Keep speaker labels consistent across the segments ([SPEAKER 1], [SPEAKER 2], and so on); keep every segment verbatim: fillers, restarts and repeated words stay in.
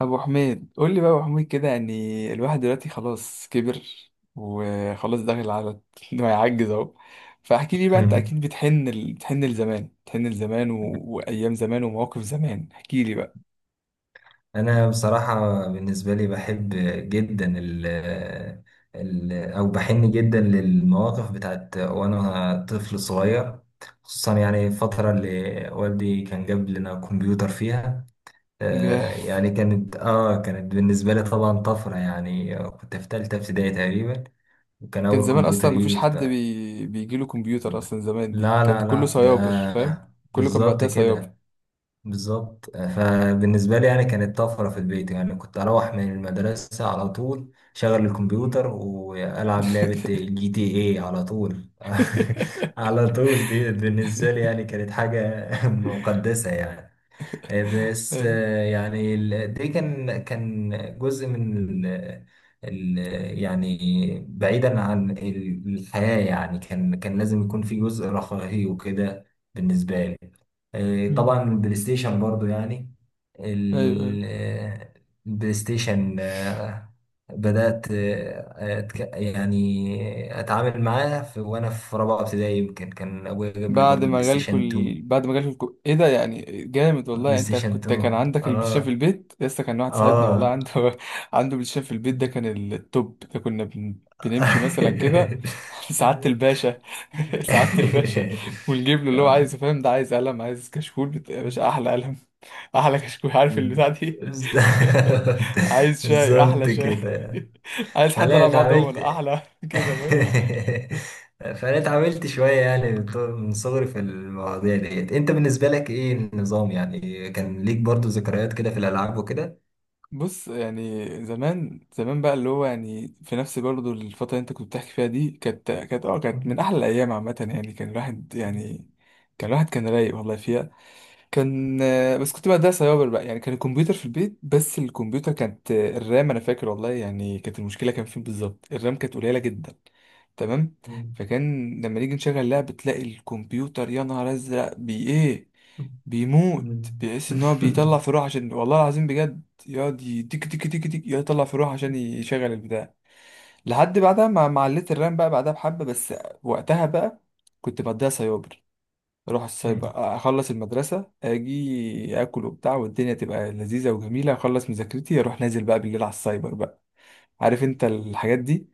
[SPEAKER 1] ابو حميد، قول لي بقى يا ابو حميد كده. يعني الواحد دلوقتي خلاص كبر وخلاص داخل على انه هيعجز اهو. فاحكي لي بقى، انت
[SPEAKER 2] مم.
[SPEAKER 1] اكيد بتحن ال... بتحن لزمان بتحن لزمان و... وايام زمان ومواقف زمان، احكي لي بقى.
[SPEAKER 2] انا بصراحه بالنسبه لي بحب جدا ال ال او بحن جدا للمواقف بتاعت وانا طفل صغير، خصوصا يعني الفتره اللي والدي كان جاب لنا كمبيوتر فيها. آه،
[SPEAKER 1] جاه.
[SPEAKER 2] يعني كانت اه كانت بالنسبه لي طبعا طفره، يعني كنت في ثالثه ابتدائي تقريبا، وكان
[SPEAKER 1] كان
[SPEAKER 2] اول
[SPEAKER 1] زمان اصلا
[SPEAKER 2] كمبيوتر يجي
[SPEAKER 1] مفيش حد
[SPEAKER 2] وبتاع.
[SPEAKER 1] بي... بيجي له كمبيوتر اصلا. زمان دي
[SPEAKER 2] لا،
[SPEAKER 1] كان
[SPEAKER 2] لا،
[SPEAKER 1] كله
[SPEAKER 2] لا،
[SPEAKER 1] سيابر، فاهم؟
[SPEAKER 2] ده
[SPEAKER 1] كله كان
[SPEAKER 2] بالظبط
[SPEAKER 1] معدها سيابر.
[SPEAKER 2] كده. بالظبط، فبالنسبة لي يعني كانت طفرة في البيت، يعني كنت أروح من المدرسة على طول، شغل
[SPEAKER 1] مم.
[SPEAKER 2] الكمبيوتر وألعب لعبة جي تي اي على طول. على طول، دي بالنسبة لي يعني كانت حاجة مقدسة يعني. آه، بس،
[SPEAKER 1] ايوه
[SPEAKER 2] آه، يعني ال- دي كان كان جزء من ال ال يعني بعيدا عن ال- الحياة، يعني كان كان لازم يكون في جزء رفاهي وكده بالنسبة لي. آه، طبعا البلاي ستيشن برضو يعني
[SPEAKER 1] ايوه.
[SPEAKER 2] ال- آه، البلاي ستيشن، آه، بدأت، آه، أتك- يعني أتعامل معاه في وأنا في رابعة ابتدائي، يمكن كان أبويا جاب لي
[SPEAKER 1] بعد
[SPEAKER 2] برضو بلاي
[SPEAKER 1] ما جالكوا
[SPEAKER 2] ستيشن
[SPEAKER 1] ال...
[SPEAKER 2] اتنين.
[SPEAKER 1] بعد ما جالكوا الكو... ايه ده؟ يعني جامد والله.
[SPEAKER 2] بلاي
[SPEAKER 1] يعني انت
[SPEAKER 2] ستيشن
[SPEAKER 1] كنت
[SPEAKER 2] اتنين،
[SPEAKER 1] كان عندك البلاي ستيشن في
[SPEAKER 2] اه،
[SPEAKER 1] البيت لسه؟ كان واحد صاحبنا والله
[SPEAKER 2] اه.
[SPEAKER 1] عنده عنده بلاي ستيشن في البيت، ده كان التوب ده. كنا بن... بنمشي مثلا كده سعادة الباشا، سعادة الباشا، ونجيب له اللي هو
[SPEAKER 2] آه.
[SPEAKER 1] عايزه، فاهم؟ ده عايز قلم، عايز كشكول بت... يا باشا احلى قلم، احلى كشكول، عارف البتاع دي؟
[SPEAKER 2] بالظبط،
[SPEAKER 1] عايز شاي، احلى
[SPEAKER 2] بالظبط
[SPEAKER 1] شاي،
[SPEAKER 2] كده.
[SPEAKER 1] عايز حد
[SPEAKER 2] فانا
[SPEAKER 1] يلعب بعضهم،
[SPEAKER 2] اتعاملت
[SPEAKER 1] احلى كده.
[SPEAKER 2] فانا اتعاملت شويه، يعني من طو- من صغري في المواضيع ديت. انت بالنسبه لك ايه النظام؟ يعني كان ليك برضو ذكريات كده في الالعاب وكده؟
[SPEAKER 1] بص، يعني زمان زمان بقى، اللي هو يعني في نفس برضه الفترة اللي انت كنت بتحكي فيها دي، كانت كانت اه كانت من أحلى الأيام عامة. يعني كان الواحد يعني كان الواحد كان رايق والله فيها. كان آه، بس كنت بقى ده سايبر بقى. يعني كان الكمبيوتر في البيت، بس الكمبيوتر كانت آه، الرام انا فاكر والله، يعني كانت المشكله كان فين بالظبط، الرام كانت قليله جدا. تمام؟ فكان لما نيجي نشغل لعبه تلاقي الكمبيوتر، يا نهار ازرق، بي ايه؟ بيموت، بيحس ان هو بيطلع في روح. عشان والله العظيم بجد يقعد ي- تك تك تك تك، يقعد يطلع في روح عشان يشغل البتاع. لحد بعدها ما ما عليت الرام بقى، بعدها بحبه بس. وقتها بقى كنت بديها سايبر. اروح السايبر، اخلص المدرسه اجي اكل وبتاع والدنيا تبقى لذيذه وجميله، اخلص مذاكرتي اروح نازل بقى بالليل على السايبر بقى، عارف انت الحاجات دي؟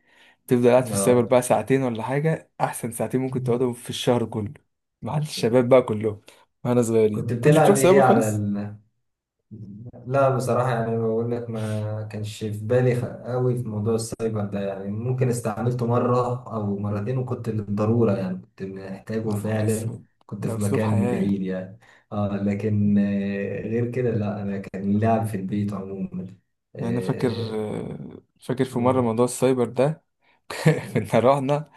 [SPEAKER 1] تفضل قاعد في السايبر
[SPEAKER 2] اه.
[SPEAKER 1] بقى ساعتين ولا حاجه، احسن ساعتين ممكن تقعدهم في الشهر كله، مع الشباب بقى كلهم. واحنا صغيرين
[SPEAKER 2] كنت
[SPEAKER 1] كنتش بتروح
[SPEAKER 2] بتلعب
[SPEAKER 1] سايبر
[SPEAKER 2] ايه على
[SPEAKER 1] خالص؟
[SPEAKER 2] ال لا، بصراحة يعني بقول لك ما كانش في بالي خ- قوي في موضوع السايبر ده، يعني ممكن استعملته مرة أو مرتين، وكنت للضرورة يعني كنت محتاجه
[SPEAKER 1] يا نهار
[SPEAKER 2] فعلا،
[SPEAKER 1] اسود،
[SPEAKER 2] كنت
[SPEAKER 1] ده
[SPEAKER 2] في
[SPEAKER 1] اسلوب
[SPEAKER 2] مكان
[SPEAKER 1] حياه.
[SPEAKER 2] بعيد يعني. آه لكن، آه، غير كده لا، أنا كان لعب في البيت عموما.
[SPEAKER 1] يعني انا فاكر
[SPEAKER 2] آه،
[SPEAKER 1] فاكر في مره
[SPEAKER 2] مم.
[SPEAKER 1] موضوع السايبر ده، كنا رحنا،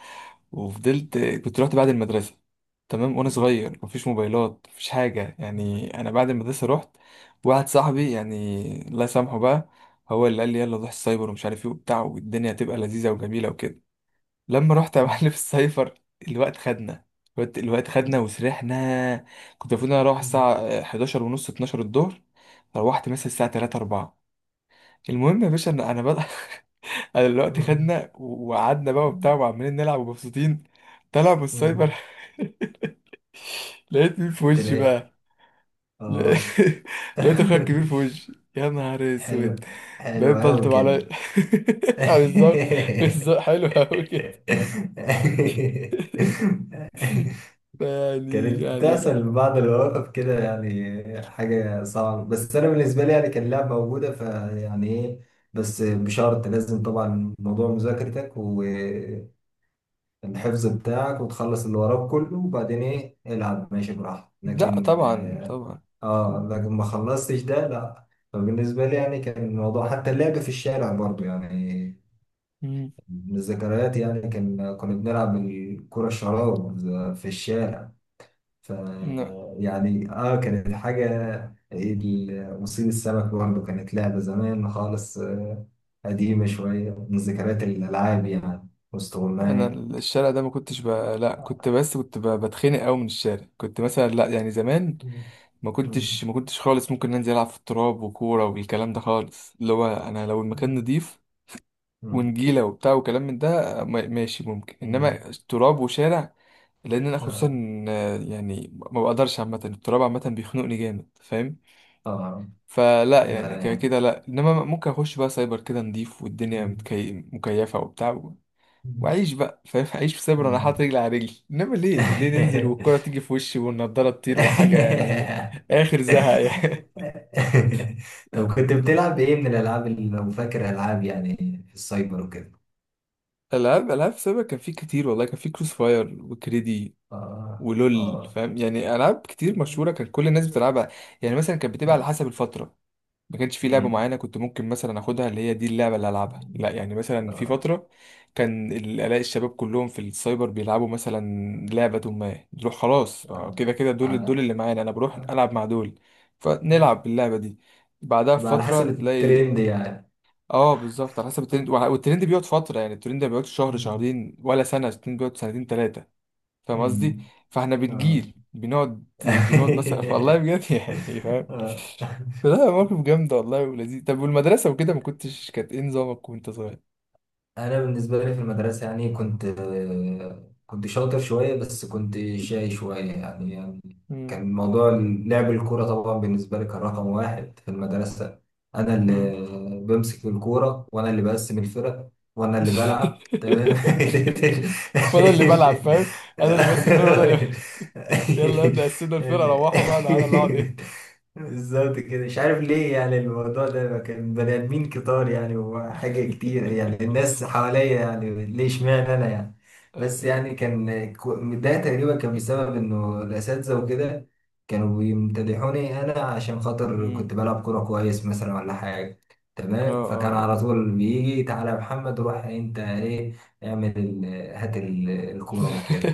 [SPEAKER 1] وفضلت كنت رحت بعد المدرسة، تمام؟ وانا صغير، مفيش موبايلات مفيش حاجة، يعني انا بعد المدرسة رحت واحد صاحبي، يعني الله يسامحه بقى، هو اللي قال لي يلا نروح السايبر ومش عارف ايه وبتاع، والدنيا هتبقى لذيذة وجميلة وكده. لما رحت يا معلم السايبر، الوقت خدنا، الوقت الوقت خدنا وسرحنا. كنت المفروض إن انا اروح الساعة احداشر ونص اتناشر الظهر، روحت مثلا الساعة الثالثة اربعه. المهم يا باشا، انا انا بدأ، انا دلوقتي خدنا و- وقعدنا بقى وبتاع وعمالين نلعب ومبسوطين. طلع من السايبر لقيت مين في وشي
[SPEAKER 2] تلاقي.
[SPEAKER 1] بقى؟ لا-
[SPEAKER 2] آه
[SPEAKER 1] لقيت اخويا الكبير في وشي، يا نهار اسود.
[SPEAKER 2] حلو، حلو
[SPEAKER 1] بقيت
[SPEAKER 2] أوي
[SPEAKER 1] بلطم عليا.
[SPEAKER 2] كده.
[SPEAKER 1] آه، بالظبط، بالظبط حلو قوي كده. يعني
[SPEAKER 2] كانت
[SPEAKER 1] يعني
[SPEAKER 2] بتحصل في بعض المواقف كده يعني حاجة صعبة، بس أنا بالنسبة لي يعني كان اللعب موجودة، فيعني إيه؟ بس بشرط لازم طبعا موضوع مذاكرتك والحفظ بتاعك، وتخلص اللي وراك كله، وبعدين إيه، العب ماشي براحتك،
[SPEAKER 1] لا
[SPEAKER 2] لكن
[SPEAKER 1] طبعا
[SPEAKER 2] آه
[SPEAKER 1] طبعا.
[SPEAKER 2] آه،
[SPEAKER 1] طبعا.
[SPEAKER 2] لكن ما خلصتش ده لأ. فبالنسبة لي يعني كان الموضوع حتى اللعب في الشارع برضو يعني
[SPEAKER 1] مم.
[SPEAKER 2] من الذكريات، يعني كان كنا بنلعب الكرة الشراب في الشارع، ف
[SPEAKER 1] لا
[SPEAKER 2] يعني اه كانت حاجة، ال- مصيد السمك برضه كانت لعبة زمان خالص، آه، قديمة شوية، من ذكريات الألعاب يعني،
[SPEAKER 1] انا
[SPEAKER 2] واستغماية.
[SPEAKER 1] الشارع ده ما كنتش ب... لا كنت، بس كنت ب... بتخنق قوي من الشارع. كنت مثلا لا، يعني زمان
[SPEAKER 2] مم.
[SPEAKER 1] ما
[SPEAKER 2] مم.
[SPEAKER 1] كنتش ما كنتش خالص ممكن انزل العب في التراب وكوره والكلام ده خالص. اللي هو انا لو المكان نضيف
[SPEAKER 2] مم.
[SPEAKER 1] ونجيله وبتاع وكلام من ده، ما- ماشي ممكن، انما
[SPEAKER 2] مم.
[SPEAKER 1] تراب وشارع، لان انا
[SPEAKER 2] آه.
[SPEAKER 1] خصوصا آه، يعني ما بقدرش، عامه التراب عامه بيخنقني جامد، فاهم؟
[SPEAKER 2] آه. آه.
[SPEAKER 1] فلا يعني كده كده لا، انما ممكن اخش بقى سايبر كده نضيف والدنيا
[SPEAKER 2] مم.
[SPEAKER 1] متكي... مكيفه وبتاع و- واعيش بقى، فاهم؟ اعيش في سايبر انا حاطط
[SPEAKER 2] مم.
[SPEAKER 1] رجلي على رجلي، انما ليه ليه ننزل والكره تيجي في وشي والنضاره تطير وحاجه، يعني اخر زهق يعني.
[SPEAKER 2] طب كنت بتلعب ايه من الالعاب اللي لو فاكر، العاب يعني في السايبر وكده؟
[SPEAKER 1] العاب، العاب سابقا كان في كتير والله، كان في كروس فاير وكريدي
[SPEAKER 2] اه،
[SPEAKER 1] ولول،
[SPEAKER 2] اه.
[SPEAKER 1] فاهم؟ يعني العاب كتير مشهوره كان كل الناس بتلعبها. يعني مثلا كانت بتبقى على حسب الفتره، ما كانش في لعبه
[SPEAKER 2] أمم.
[SPEAKER 1] معينه كنت ممكن مثلا اخدها اللي هي دي اللعبه اللي العبها، لا. يعني مثلا في
[SPEAKER 2] اه،
[SPEAKER 1] فتره كان ال- الاقي الشباب كلهم في السايبر بيلعبوا مثلا لعبه، ما نروح خلاص،
[SPEAKER 2] اه.
[SPEAKER 1] كده كده دول دول
[SPEAKER 2] على
[SPEAKER 1] اللي معانا، انا بروح
[SPEAKER 2] آه.
[SPEAKER 1] العب مع دول،
[SPEAKER 2] آه.
[SPEAKER 1] فنلعب باللعبه دي. بعدها
[SPEAKER 2] يبقى على
[SPEAKER 1] بفترة
[SPEAKER 2] حسب
[SPEAKER 1] نلاقي،
[SPEAKER 2] الترند يعني.
[SPEAKER 1] اه بالظبط على حسب الترند، وع- والترند بيقعد فتره، يعني الترند ما بيقعدش شهر
[SPEAKER 2] أمم.
[SPEAKER 1] شهرين ولا سنه، الترند بيقعد سنتين ثلاثه، فاهم قصدي؟
[SPEAKER 2] أمم.
[SPEAKER 1] فاحنا
[SPEAKER 2] اه.
[SPEAKER 1] بنجيل بنقعد، بنقعد مثلا والله بجد، يعني فاهم.
[SPEAKER 2] آه.
[SPEAKER 1] لا موقف جامد والله ولذيذ. طب والمدرسه وكده ما كنتش كانت ايه نظامك وانت صغير؟
[SPEAKER 2] انا بالنسبه لي في المدرسه يعني كنت، آه، كنت شاطر شويه، بس كنت شاي شويه يعني يعني
[SPEAKER 1] مم.
[SPEAKER 2] كان موضوع لعب الكوره طبعا بالنسبه لي كان رقم واحد في المدرسه. انا اللي
[SPEAKER 1] مم.
[SPEAKER 2] بمسك الكوره، وانا اللي بقسم الفرق، وانا اللي بلعب.
[SPEAKER 1] وانا اللي بلعب، فاهم؟ انا اللي بس الفرقه وانا اللي يلا ابدا اسيب الفرقه روحوا بقى، انا اللي اقعد
[SPEAKER 2] تمام.
[SPEAKER 1] ايه.
[SPEAKER 2] بالظبط كده. مش عارف ليه يعني الموضوع ده، كان بني ادمين كتار يعني وحاجة كتير يعني، الناس حواليا يعني ليه اشمعنى انا يعني؟
[SPEAKER 1] ايوه
[SPEAKER 2] بس
[SPEAKER 1] ايوه،
[SPEAKER 2] يعني كان كو- ده تقريبا كان بسبب انه الاساتذة وكده كانوا بيمتدحوني انا عشان خاطر
[SPEAKER 1] امم،
[SPEAKER 2] كنت بلعب كورة كويس مثلا ولا حاجة.
[SPEAKER 1] اه
[SPEAKER 2] تمام.
[SPEAKER 1] اه
[SPEAKER 2] فكان
[SPEAKER 1] اه.
[SPEAKER 2] على طول بيجي: تعالى يا محمد، روح انت، ايه، اعمل ال- هات ال- الكورة وكده.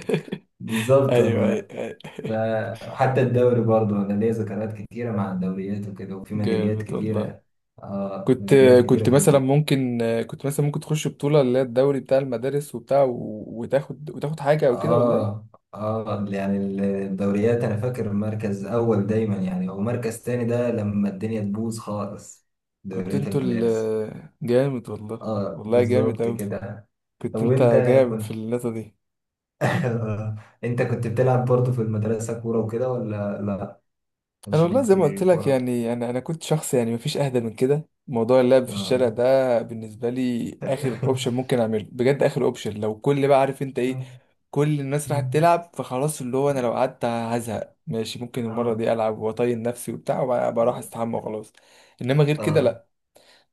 [SPEAKER 2] بالظبط
[SPEAKER 1] ايوه
[SPEAKER 2] والله.
[SPEAKER 1] ايوه ايوه،
[SPEAKER 2] فحتى الدوري برضه انا ليا ذكريات كتيره مع الدوريات وكده، وفي ميداليات
[SPEAKER 1] جامد والله.
[SPEAKER 2] كتيره. اه،
[SPEAKER 1] كنت،
[SPEAKER 2] ميداليات
[SPEAKER 1] كنت
[SPEAKER 2] كتيره في
[SPEAKER 1] مثلا
[SPEAKER 2] البيت.
[SPEAKER 1] ممكن كنت مثلا ممكن تخش بطولة اللي هي الدوري بتاع المدارس وبتاع و- وتاخد، وتاخد حاجة او كده والله؟
[SPEAKER 2] اه، اه، يعني الدوريات انا فاكر مركز اول دايما، يعني هو مركز تاني ده لما الدنيا تبوظ خالص،
[SPEAKER 1] كنت
[SPEAKER 2] دوريات
[SPEAKER 1] انتوا
[SPEAKER 2] المدارس.
[SPEAKER 1] ال جامد والله،
[SPEAKER 2] اه
[SPEAKER 1] والله جامد
[SPEAKER 2] بالظبط
[SPEAKER 1] اوي،
[SPEAKER 2] كده. طب
[SPEAKER 1] كنت انت
[SPEAKER 2] وانت
[SPEAKER 1] جامد في
[SPEAKER 2] كنت
[SPEAKER 1] النقطة دي.
[SPEAKER 2] انت كنت بتلعب برضه في المدرسه كوره وكده ولا لا؟
[SPEAKER 1] انا
[SPEAKER 2] مش
[SPEAKER 1] والله
[SPEAKER 2] ليك
[SPEAKER 1] زي ما
[SPEAKER 2] في
[SPEAKER 1] قلت لك،
[SPEAKER 2] الكوره؟
[SPEAKER 1] يعني انا انا كنت شخص يعني مفيش اهدى من كده. موضوع اللعب في الشارع
[SPEAKER 2] اه.
[SPEAKER 1] ده بالنسبه لي اخر اوبشن ممكن اعمله بجد، اخر اوبشن، لو كل بقى عارف انت ايه، كل الناس راحت تلعب فخلاص، اللي هو انا لو قعدت هزهق، ماشي ممكن المره
[SPEAKER 2] اه،
[SPEAKER 1] دي العب واطين نفسي وبتاع، وبقى بروح استحمى وخلاص. انما غير كده
[SPEAKER 2] اه.
[SPEAKER 1] لا،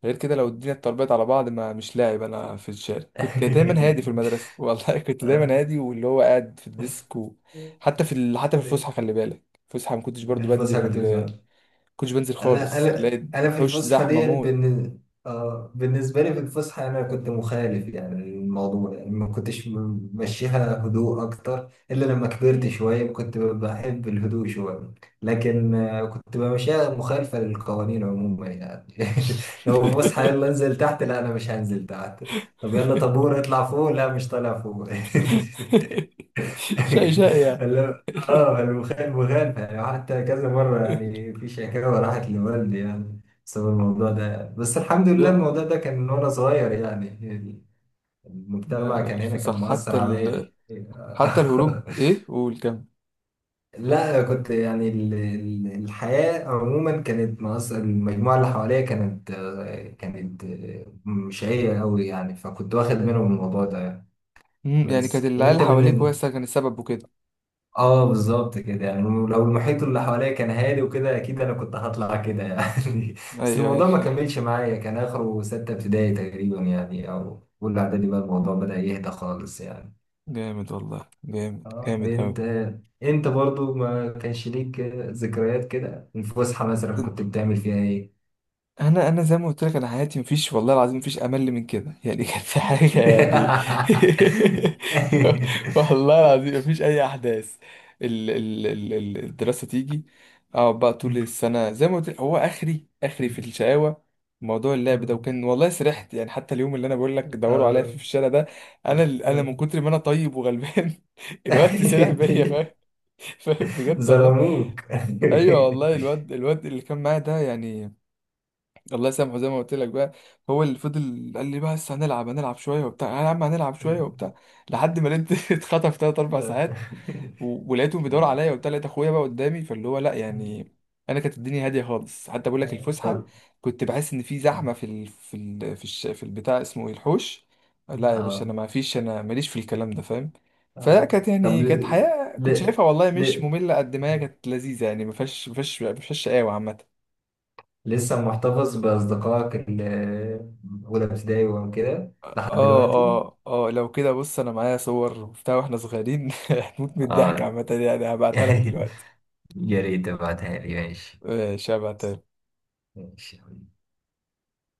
[SPEAKER 1] غير كده لو الدنيا اتربيت على بعض ما مش لاعب انا في الشارع. كنت دايما هادي في المدرسه، والله كنت دايما
[SPEAKER 2] آه.
[SPEAKER 1] هادي واللي هو قاعد في الديسك و... حتى في ال... حتى في
[SPEAKER 2] ده-
[SPEAKER 1] الفسحه خلي بالك، فسحة ما كنتش برضو
[SPEAKER 2] مش بس حاجة توزع.
[SPEAKER 1] بنزل، كنتش بنزل
[SPEAKER 2] انا
[SPEAKER 1] خالص،
[SPEAKER 2] انا
[SPEAKER 1] الاقي
[SPEAKER 2] انا في
[SPEAKER 1] الحوش
[SPEAKER 2] الفسحه
[SPEAKER 1] زحمه
[SPEAKER 2] ديت
[SPEAKER 1] موت.
[SPEAKER 2] بالن... آه، بالنسبه لي في الفسحه انا كنت مخالف يعني، الموضوع يعني ما كنتش م- ممشيها هدوء اكتر، الا لما كبرت
[SPEAKER 1] مم.
[SPEAKER 2] شويه كنت ب- بحب الهدوء شويه، لكن آه كنت بمشيها مخالفه للقوانين عموما يعني. لو في فسحه يلا انزل تحت، لا، انا مش هنزل تحت. طب يلا طابور اطلع فوق، لا، مش طالع فوق.
[SPEAKER 1] شقي شقي يعني.
[SPEAKER 2] اه الوخ- الوغام يعني، حتى كذا مرة يعني في شكاوى راحت لوالدي يعني بسبب الموضوع ده، بس الحمد لله الموضوع
[SPEAKER 1] لا
[SPEAKER 2] ده كان من وأنا صغير يعني،
[SPEAKER 1] لا
[SPEAKER 2] المجتمع
[SPEAKER 1] لا،
[SPEAKER 2] كان هنا كان
[SPEAKER 1] الفسح
[SPEAKER 2] مؤثر
[SPEAKER 1] حتى ال...
[SPEAKER 2] عليا.
[SPEAKER 1] حتى الهروب، ايه قول كم.
[SPEAKER 2] لا كنت يعني، ال- ال- الحياة عموما كانت مؤثر، المجموعة اللي حواليا كانت آه، كانت آه، مش هي قوي يعني، فكنت واخد منهم الموضوع ده يعني.
[SPEAKER 1] مم، يعني كانت
[SPEAKER 2] بس
[SPEAKER 1] العيال
[SPEAKER 2] انت
[SPEAKER 1] اللي حواليك هو
[SPEAKER 2] بالنسبة
[SPEAKER 1] أصلاً كان السبب وكده.
[SPEAKER 2] اه بالظبط كده يعني، لو المحيط اللي حواليا كان هادي وكده اكيد انا كنت هطلع كده يعني. بس
[SPEAKER 1] ايوه ايوه
[SPEAKER 2] الموضوع ما
[SPEAKER 1] أيوة.
[SPEAKER 2] كملش معايا، كان اخره ستة ابتدائي تقريبا يعني، او اولى اعدادي بقى الموضوع بدأ يهدى خالص يعني.
[SPEAKER 1] جامد والله، جامد
[SPEAKER 2] اه.
[SPEAKER 1] جامد اوي.
[SPEAKER 2] انت انت برضو ما كانش ليك ذكريات كده؟ الفسحة مثلا كنت بتعمل فيها ايه؟
[SPEAKER 1] انا انا زي ما قلت لك، انا حياتي مفيش والله العظيم مفيش امل من كده يعني كان في حاجه يعني، والله العظيم مفيش اي احداث. ال ال ال ال- الدراسه تيجي، اقعد بقى طول السنه، زي ما قلت لك هو اخري اخري في الشقاوه موضوع اللعب ده. وكان والله سرحت، يعني حتى اليوم اللي انا بقول لك دوروا عليا فيه في
[SPEAKER 2] آه.
[SPEAKER 1] الشارع ده، انا انا من كتر ما انا طيب وغلبان، الوقت سرح بيا، فاهم؟ فاهم؟ بجد والله.
[SPEAKER 2] ظلموك.
[SPEAKER 1] ايوه والله، الواد، الواد اللي كان معايا ده يعني الله يسامحه زي ما قلت لك بقى، هو اللي فضل قال لي بقى بس هنلعب، هنلعب شويه وبتاع يا عم، هنلعب شويه
[SPEAKER 2] مم.
[SPEAKER 1] وبتاع. لحد ما لقيت اتخطف تلات اربع
[SPEAKER 2] آه.
[SPEAKER 1] ساعات، و- ولقيتهم بيدوروا عليا وبتاع، لقيت اخويا بقى قدامي، فاللي هو لا
[SPEAKER 2] مم.
[SPEAKER 1] يعني. انا كانت الدنيا هاديه خالص، حتى بقول لك الفسحه
[SPEAKER 2] طب
[SPEAKER 1] كنت بحس ان في زحمه في ال... في ال... في, الش... في البتاع اسمه ايه، الحوش. لا يا باشا انا
[SPEAKER 2] اه
[SPEAKER 1] ما فيش، انا ماليش في الكلام ده، فاهم؟ فلا
[SPEAKER 2] آه.
[SPEAKER 1] كانت
[SPEAKER 2] طب
[SPEAKER 1] يعني،
[SPEAKER 2] ل...
[SPEAKER 1] كانت حياه كنت
[SPEAKER 2] ل...
[SPEAKER 1] شايفها والله مش
[SPEAKER 2] ل...
[SPEAKER 1] ممله قد ما هي كانت لذيذه. يعني ما فيهاش ما فيهاش ما فيهاش شقاوه عامه.
[SPEAKER 2] لسه محتفظ بأصدقائك اللي من أولى ابتدائي وكده لحد
[SPEAKER 1] اه
[SPEAKER 2] دلوقتي؟
[SPEAKER 1] اه اه، لو كده بص، انا معايا صور وبتاع واحنا صغيرين هتموت من الضحك
[SPEAKER 2] اه.
[SPEAKER 1] عامة، يعني هبعتها لك دلوقتي.
[SPEAKER 2] يا ريت تبعتها لي، ماشي؟
[SPEAKER 1] ماشي هبعتها.
[SPEAKER 2] ماشي،